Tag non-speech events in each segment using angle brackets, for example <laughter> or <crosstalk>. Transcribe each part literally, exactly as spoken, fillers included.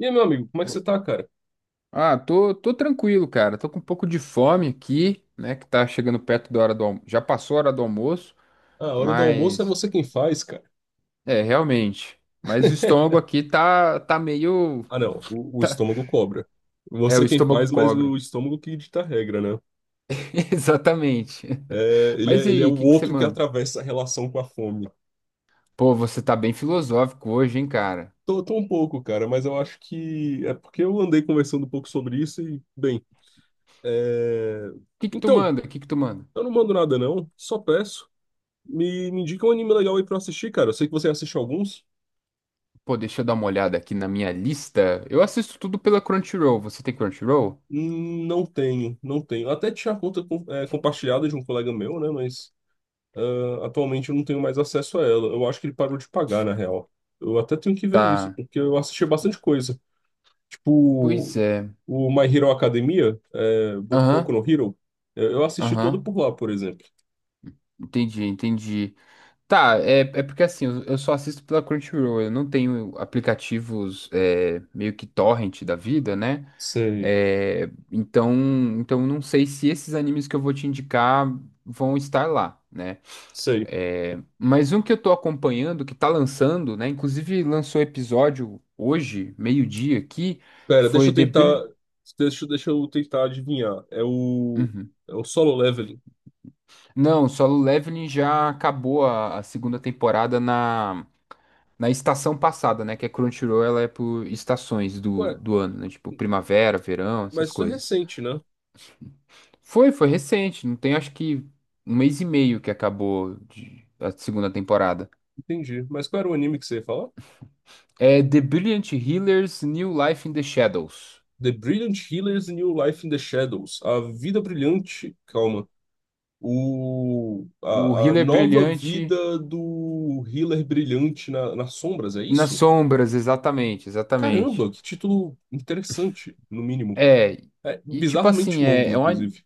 E aí, meu amigo, como é que você tá, cara? Ah, tô, tô tranquilo, cara. Tô com um pouco de fome aqui, né? Que tá chegando perto da hora do almoço. Já passou a hora do almoço, Ah, a hora do almoço é mas você quem faz, cara. é, realmente. Mas o estômago <laughs> aqui tá, tá meio. Ah, não, o, o estômago cobra. É, o Você quem estômago faz, mas cobra. o estômago que dita a regra, né? <laughs> Exatamente. É, ele Mas é, e ele é aí, o o que que você outro que manda? atravessa a relação com a fome. Pô, você tá bem filosófico hoje, hein, cara? Tô, tô um pouco, cara, mas eu acho que é porque eu andei conversando um pouco sobre isso e, bem, é... O que que tu Então, manda? O que que tu manda? eu não mando nada, não, só peço. Me, me indica um anime legal aí pra eu assistir, cara. Eu sei que você assiste alguns. Pô, deixa eu dar uma olhada aqui na minha lista. Eu assisto tudo pela Crunchyroll. Você tem Crunchyroll? Hum, Não tenho, não tenho. Até tinha a conta com- é, compartilhada de um colega meu, né, mas... Ah, atualmente eu não tenho mais acesso a ela. Eu acho que ele parou de pagar, na real. Eu até tenho que ver isso, Tá. porque eu assisti bastante coisa. Tipo, Pois é. o My Hero Academia, é, Bo- Boku Aham, no Hero, é, eu assisti todo aham. por lá, por exemplo. Entendi, entendi. Tá, é, é porque assim, eu eu só assisto pela Crunchyroll. Eu não tenho aplicativos, é, meio que torrent da vida, né? Sei, É, então, então não sei se esses animes que eu vou te indicar vão estar lá, né? sei. É, mas um que eu tô acompanhando, que tá lançando, né? Inclusive lançou episódio hoje, meio-dia aqui, Pera, deixa foi eu The Bri- tentar. Deixa, deixa eu tentar adivinhar. É o. Uhum. É o Solo Leveling. Não, Solo Leveling já acabou a, a segunda temporada na na estação passada, né? Que a Crunchyroll, ela é por estações Ué, do, do ano, né? Tipo primavera, verão, mas essas isso é coisas. recente, né? Foi, foi recente. Não tem acho que um mês e meio que acabou de- a segunda temporada. Entendi. Mas qual era o anime que você ia falar? É The Brilliant Healer's New Life in the Shadows. The Brilliant Healer's New Life in the Shadows. A vida brilhante. Calma. o, O a, a Healer nova Brilhante vida do Healer Brilhante na, nas sombras, é nas isso? sombras, exatamente, exatamente. Caramba, que título interessante, no mínimo. É, É e tipo assim, bizarramente é, longo, é, um, inclusive.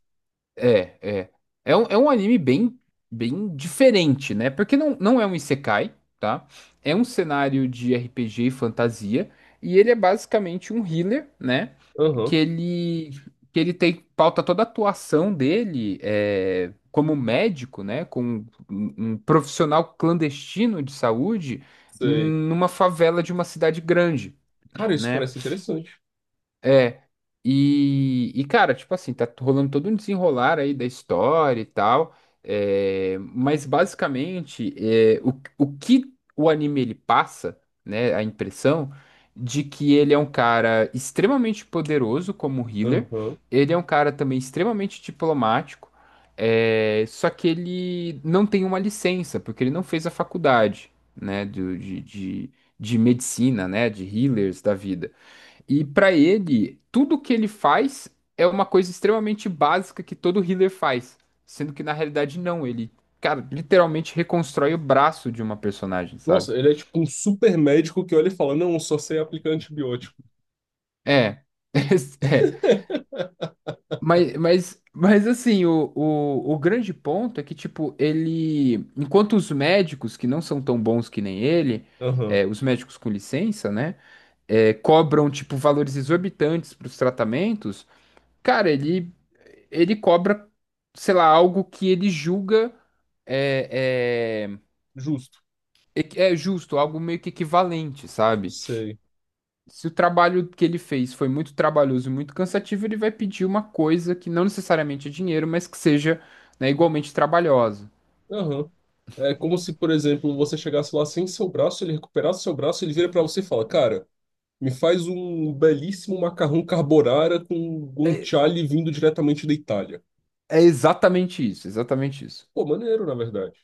É, é. É um, é um anime bem, bem diferente, né? Porque não, não é um isekai, tá? É um cenário de R P G e fantasia. E ele é basicamente um healer, né? Aham, Que ele, que ele tem, pauta toda a atuação dele, é, como médico, né? Como um, um profissional clandestino de saúde sei. numa favela de uma cidade grande, Cara, isso né? parece interessante. É. E, e, cara, tipo assim, tá rolando todo um desenrolar aí da história e tal. É, mas basicamente, é, o, o que o anime ele passa, né? A impressão de que ele é um cara extremamente poderoso como healer. Aham. Ele é um cara também extremamente diplomático. É, só que ele não tem uma licença, porque ele não fez a faculdade, né? do- de, de, de medicina, né? De healers da vida. E para ele, tudo que ele faz é uma coisa extremamente básica que todo healer faz, sendo que na realidade não, ele, cara, literalmente reconstrói o braço de uma personagem, sabe? Nossa, ele é tipo um super médico que olha e fala: Não, eu só sei aplicar antibiótico. É. <laughs> É. <laughs> Mas, mas, mas assim, o, o, o grande ponto é que, tipo, ele. Enquanto os médicos, que não são tão bons que nem ele, Aham, é, os médicos com licença, né? É, cobram, tipo, valores exorbitantes para os tratamentos. Cara, ele, ele cobra, sei lá, algo que ele julga é, é, justo, equi- é justo, algo meio que equivalente, sabe? sei. Se o trabalho que ele fez foi muito trabalhoso e muito cansativo, ele vai pedir uma coisa que não necessariamente é dinheiro, mas que seja, né, igualmente trabalhosa. Aham. É como se, por exemplo, você chegasse lá sem seu braço, ele recuperasse seu braço, ele vira pra você e fala: Cara, me faz um belíssimo macarrão carbonara com É, guanciale vindo diretamente da Itália. é exatamente isso, exatamente isso. Pô, maneiro, na verdade.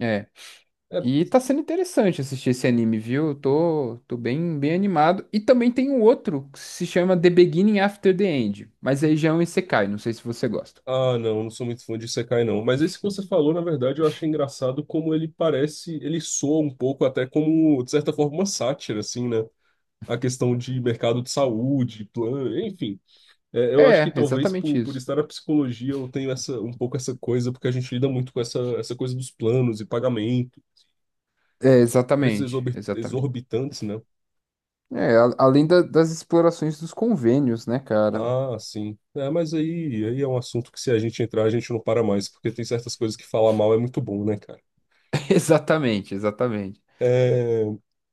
É. É... E tá sendo interessante assistir esse anime, viu? Eu tô, tô bem, bem animado. E também tem um outro que se chama The Beginning After the End, mas aí já é um isekai, não sei se você gosta. Ah, não, não sou muito fã de Isekai, não. Mas esse que você falou, na verdade, eu achei engraçado como ele parece, ele soa um pouco até como, de certa forma, uma sátira, assim, né? A questão de mercado de saúde, plano, enfim. É, eu acho que É, talvez exatamente por, por isso. estar na psicologia eu tenho essa, um pouco essa coisa, porque a gente lida muito com essa, essa coisa dos planos e pagamento, É, preços exatamente, exorbi- exatamente. exorbitantes, né? É, a- além da- das explorações dos convênios, né, cara? Ah, sim. É, mas aí, aí é um assunto que se a gente entrar, a gente não para mais, porque tem certas coisas que falar mal é muito bom, né, cara? <laughs> Exatamente, exatamente. É...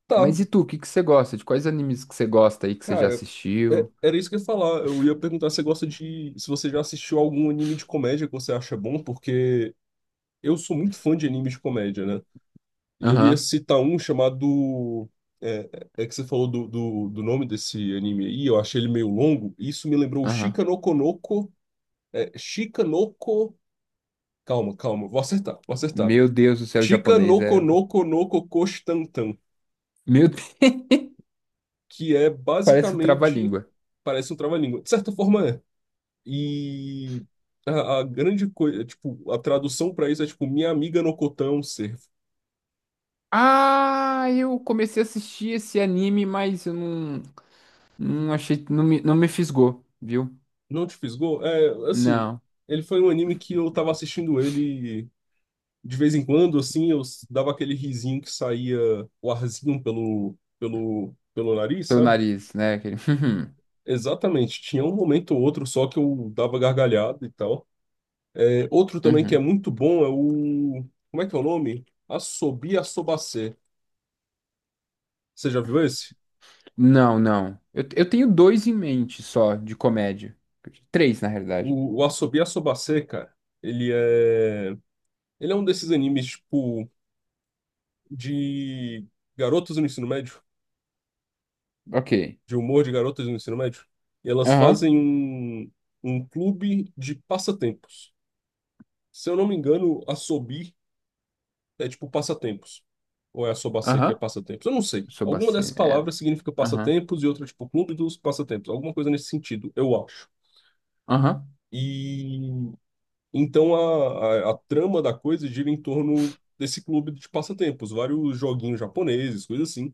Tá, Mas e tu, o que que você gosta? De quais animes que você gosta aí que você já cara. é- assistiu? Era isso que eu ia falar. Eu ia perguntar se você gosta de. Se você já assistiu algum anime de comédia que você acha bom, porque eu sou muito fã de anime de comédia, né? E eu ia Aham, citar um chamado. É, é é que você falou do, do, do nome desse anime aí, eu achei ele meio longo, e isso me lembrou o aham. Shika no Konoko. É, Shika no Ko- Calma, calma, vou acertar, vou acertar. Meu Deus do céu, o Chica japonês no é. Konoko no Kokostantan, Meu Deus, que é <laughs> parece o basicamente, trava-língua. parece um trava-língua. De certa forma é. E a, a grande coisa, tipo, a tradução pra isso é tipo, Minha Amiga no Cotão, servo. Ah, eu comecei a assistir esse anime, mas eu não, não achei, não me, não me fisgou, viu? Não te fisgou? É, assim, Não, ele foi um anime que eu tava assistindo ele de vez em quando, assim, eu s- dava aquele risinho que saía o arzinho pelo, pelo, pelo nariz, pelo sabe? nariz, né? Aquele <laughs> Exatamente, tinha um momento ou outro só que eu dava gargalhada e tal. É, outro também que é Uhum. muito bom é o. Como é que é o nome? Assobi Assobacê. Você já viu esse? Não, não. Eu, eu tenho dois em mente só de comédia. Três, na realidade. O, o Assobi Assobacê, cara, ele é. Ele é um desses animes, tipo, de garotas no ensino médio, Ok. de humor de garotas no ensino médio. E elas Aham, fazem um, um clube de passatempos. Se eu não me engano, Assobi é tipo passatempos. Ou é a sobacê que é aham. passatempos? Eu não sei. Alguma Sobacê. dessas É. palavras significa Aham, passatempos e outra, tipo, clube dos passatempos. Alguma coisa nesse sentido, eu acho. aham, E então a, a, a trama da coisa gira em torno desse clube de passatempos, vários joguinhos japoneses, coisas assim.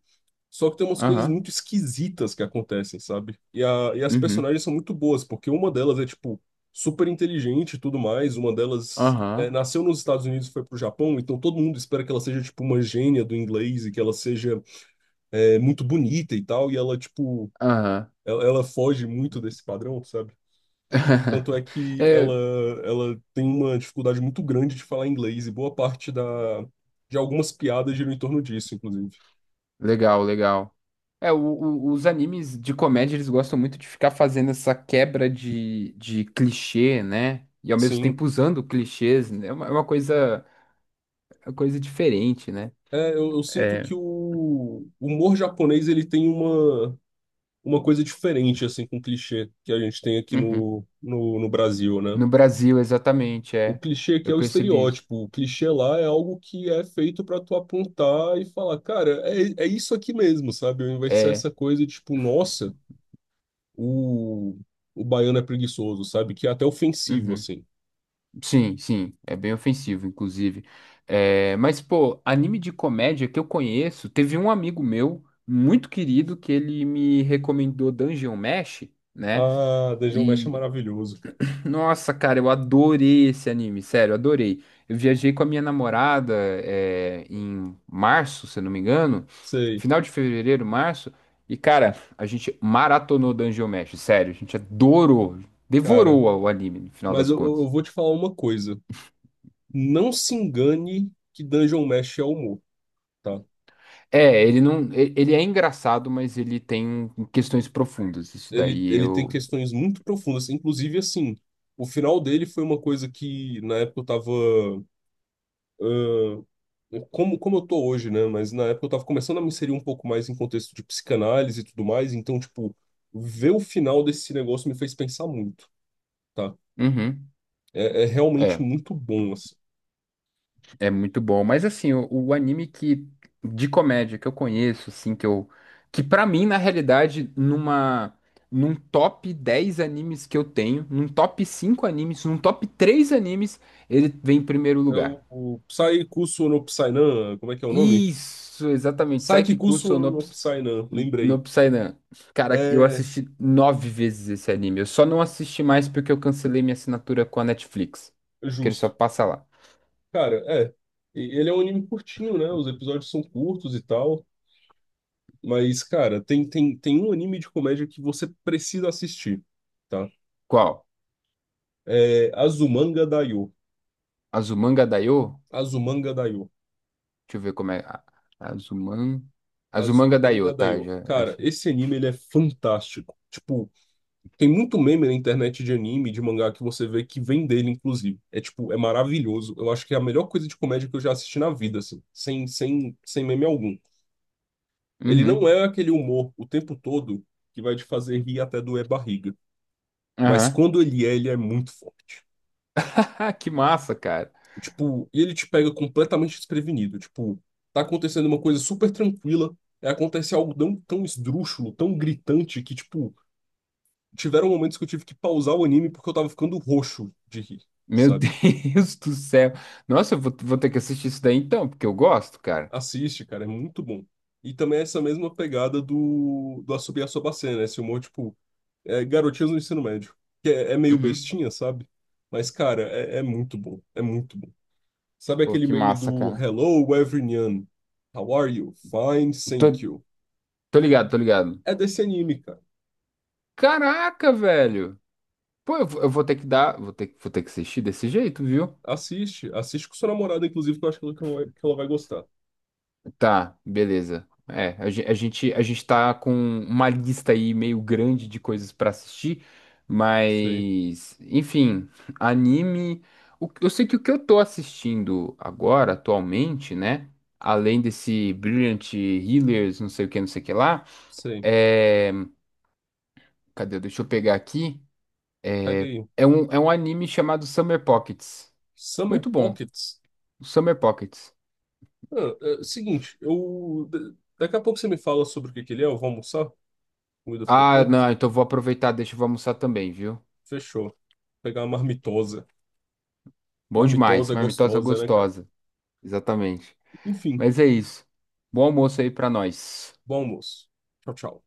Só que tem umas coisas aham, muito esquisitas que acontecem, sabe? E, a, e as uhum, personagens são muito boas, porque uma delas é, tipo, super inteligente e tudo mais. Uma delas é, aham, nasceu nos Estados Unidos e foi pro Japão, então todo mundo espera que ela seja, tipo, uma gênia do inglês e que ela seja é, muito bonita e tal. E ela, tipo, aham. ela, ela foge muito desse padrão, sabe? Tanto é <laughs> que ela, É, ela tem uma dificuldade muito grande de falar inglês e boa parte da, de algumas piadas giram em torno disso, inclusive. legal, legal. É, o- o- os animes de comédia, eles gostam muito de ficar fazendo essa quebra de, de clichê, né? E ao mesmo Sim. tempo usando clichês, né? É uma, é uma coisa, é uma coisa diferente, né? É, eu, eu sinto É. que o humor japonês ele tem uma, uma coisa diferente assim com o clichê que a gente tem aqui Uhum. no, no, no Brasil, né? No Brasil, exatamente, O é. clichê aqui Eu é o percebi isso. estereótipo, o clichê lá é algo que é feito para tu apontar e falar, cara, é, é isso aqui mesmo, sabe? Ao invés de ser É. essa coisa tipo, nossa, o, o baiano é preguiçoso, sabe? Que é até ofensivo, Uhum. assim. Sim, sim, é bem ofensivo, inclusive. É, mas, pô, anime de comédia que eu conheço, teve um amigo meu, muito querido, que ele me recomendou Dungeon Mesh, né? Ah, Dungeon Mesh é E, maravilhoso, cara. nossa, cara, eu adorei esse anime, sério, adorei. Eu viajei com a minha namorada, é, em março, se eu não me engano, Sei, final de fevereiro, março. E, cara, a gente maratonou Dungeon Mesh, sério, a gente adorou, cara. devorou o anime, no final Mas das eu, eu eu contas. vou te falar uma coisa. Não se engane que Dungeon Mesh é humor, tá? É, ele não. e- Ele é engraçado, mas ele tem, um, questões profundas. Isso Ele, daí ele tem eu. questões muito profundas. Inclusive, assim, o final dele foi uma coisa que na época eu tava. ah, como, como eu tô hoje, né? Mas na época eu tava começando a me inserir um pouco mais em contexto de psicanálise e tudo mais. Então, tipo, ver o final desse negócio me fez pensar muito, tá? Uhum. É, é realmente É, muito bom, assim. é muito bom. Mas assim, o, o anime que de comédia que eu conheço, assim, que eu. Que pra mim, na realidade, numa. Num top dez animes que eu tenho, num top cinco animes, num top três animes, ele vem em primeiro É lugar. o, o Psycusu no Psynan, como é que é o nome? Isso, exatamente. Saiki Psycusu Kusuo no no Psynan, N- No lembrei. Psydan. Cara, eu É assisti nove vezes esse anime. Eu só não assisti mais porque eu cancelei minha assinatura com a Netflix. Que ele só justo. passa lá. Cara, é. E ele é um anime curtinho, né? Os episódios são curtos e tal. Mas, cara, tem, tem, tem um anime de comédia que você precisa assistir, tá? Qual? É Azumanga Daioh. Azumanga Daioh? Azumanga Daioh. Deixa eu ver como é. A- Azuman... Azumanga Azumanga Daioh, tá? Daioh. Já Cara, acho. esse anime, ele é fantástico. Tipo, tem muito meme na internet de anime, de mangá, que você vê que vem dele, inclusive. É, tipo, é maravilhoso. Eu acho que é a melhor coisa de comédia que eu já assisti na vida, assim. Sem, sem, sem meme algum. Ele não Uhum. é aquele humor o tempo todo que vai te fazer rir até doer barriga. Mas Aham. quando ele é, ele é muito forte. <laughs> Que massa, cara. Tipo, e ele te pega completamente desprevenido. Tipo, tá acontecendo uma coisa super tranquila, aí acontece algo tão, tão esdrúxulo, tão gritante, que, tipo, tiveram momentos que eu tive que pausar o anime porque eu tava ficando roxo de rir, Meu <laughs> sabe? Deus do céu. Nossa, eu vou, vou ter que assistir isso daí então, porque eu gosto, cara. Assiste, cara, é muito bom. E também é essa mesma pegada do, do Asobi Asobase, né? Esse humor, tipo, é, garotinhas no ensino médio. Que é, é meio Uhum. bestinha, sabe? Mas, cara, é, é muito bom. É muito bom. Sabe Pô, aquele que meme massa, do cara. Hello, everyone? How are you? Fine, Tô, thank you. tô ligado, tô ligado. É desse anime, cara. Caraca, velho. Pô, eu, vou eu vou ter que dar, vou ter, vou ter que assistir desse jeito, viu? Assiste. Assiste com sua namorada, inclusive, que eu acho que ela, que ela vai que ela vai gostar. Tá, beleza. É, a, gen- a gente, a gente tá com uma lista aí meio grande de coisas pra assistir, Sei, mas, enfim, anime. o- eu sei que o que eu tô assistindo agora, atualmente, né? Além desse Brilliant Healers, não sei o que, não sei o que lá, sei. é. Cadê? Deixa eu pegar aqui. Pega aí. É um, é um anime chamado Summer Pockets. Summer Muito bom, Pockets? Summer Pockets. Ah, é, seguinte, eu... da- Daqui a pouco você me fala sobre o que que ele é, eu vou almoçar. A comida ficou Ah, pronta. não, então vou aproveitar, deixa eu vou almoçar também, viu? Fechou. Pegar uma marmitosa. Bom demais, Marmitosa é marmitosa gostosa, né, cara? gostosa. Exatamente. Enfim. Mas é isso. Bom almoço aí pra nós. Bom almoço. Tchau, tchau.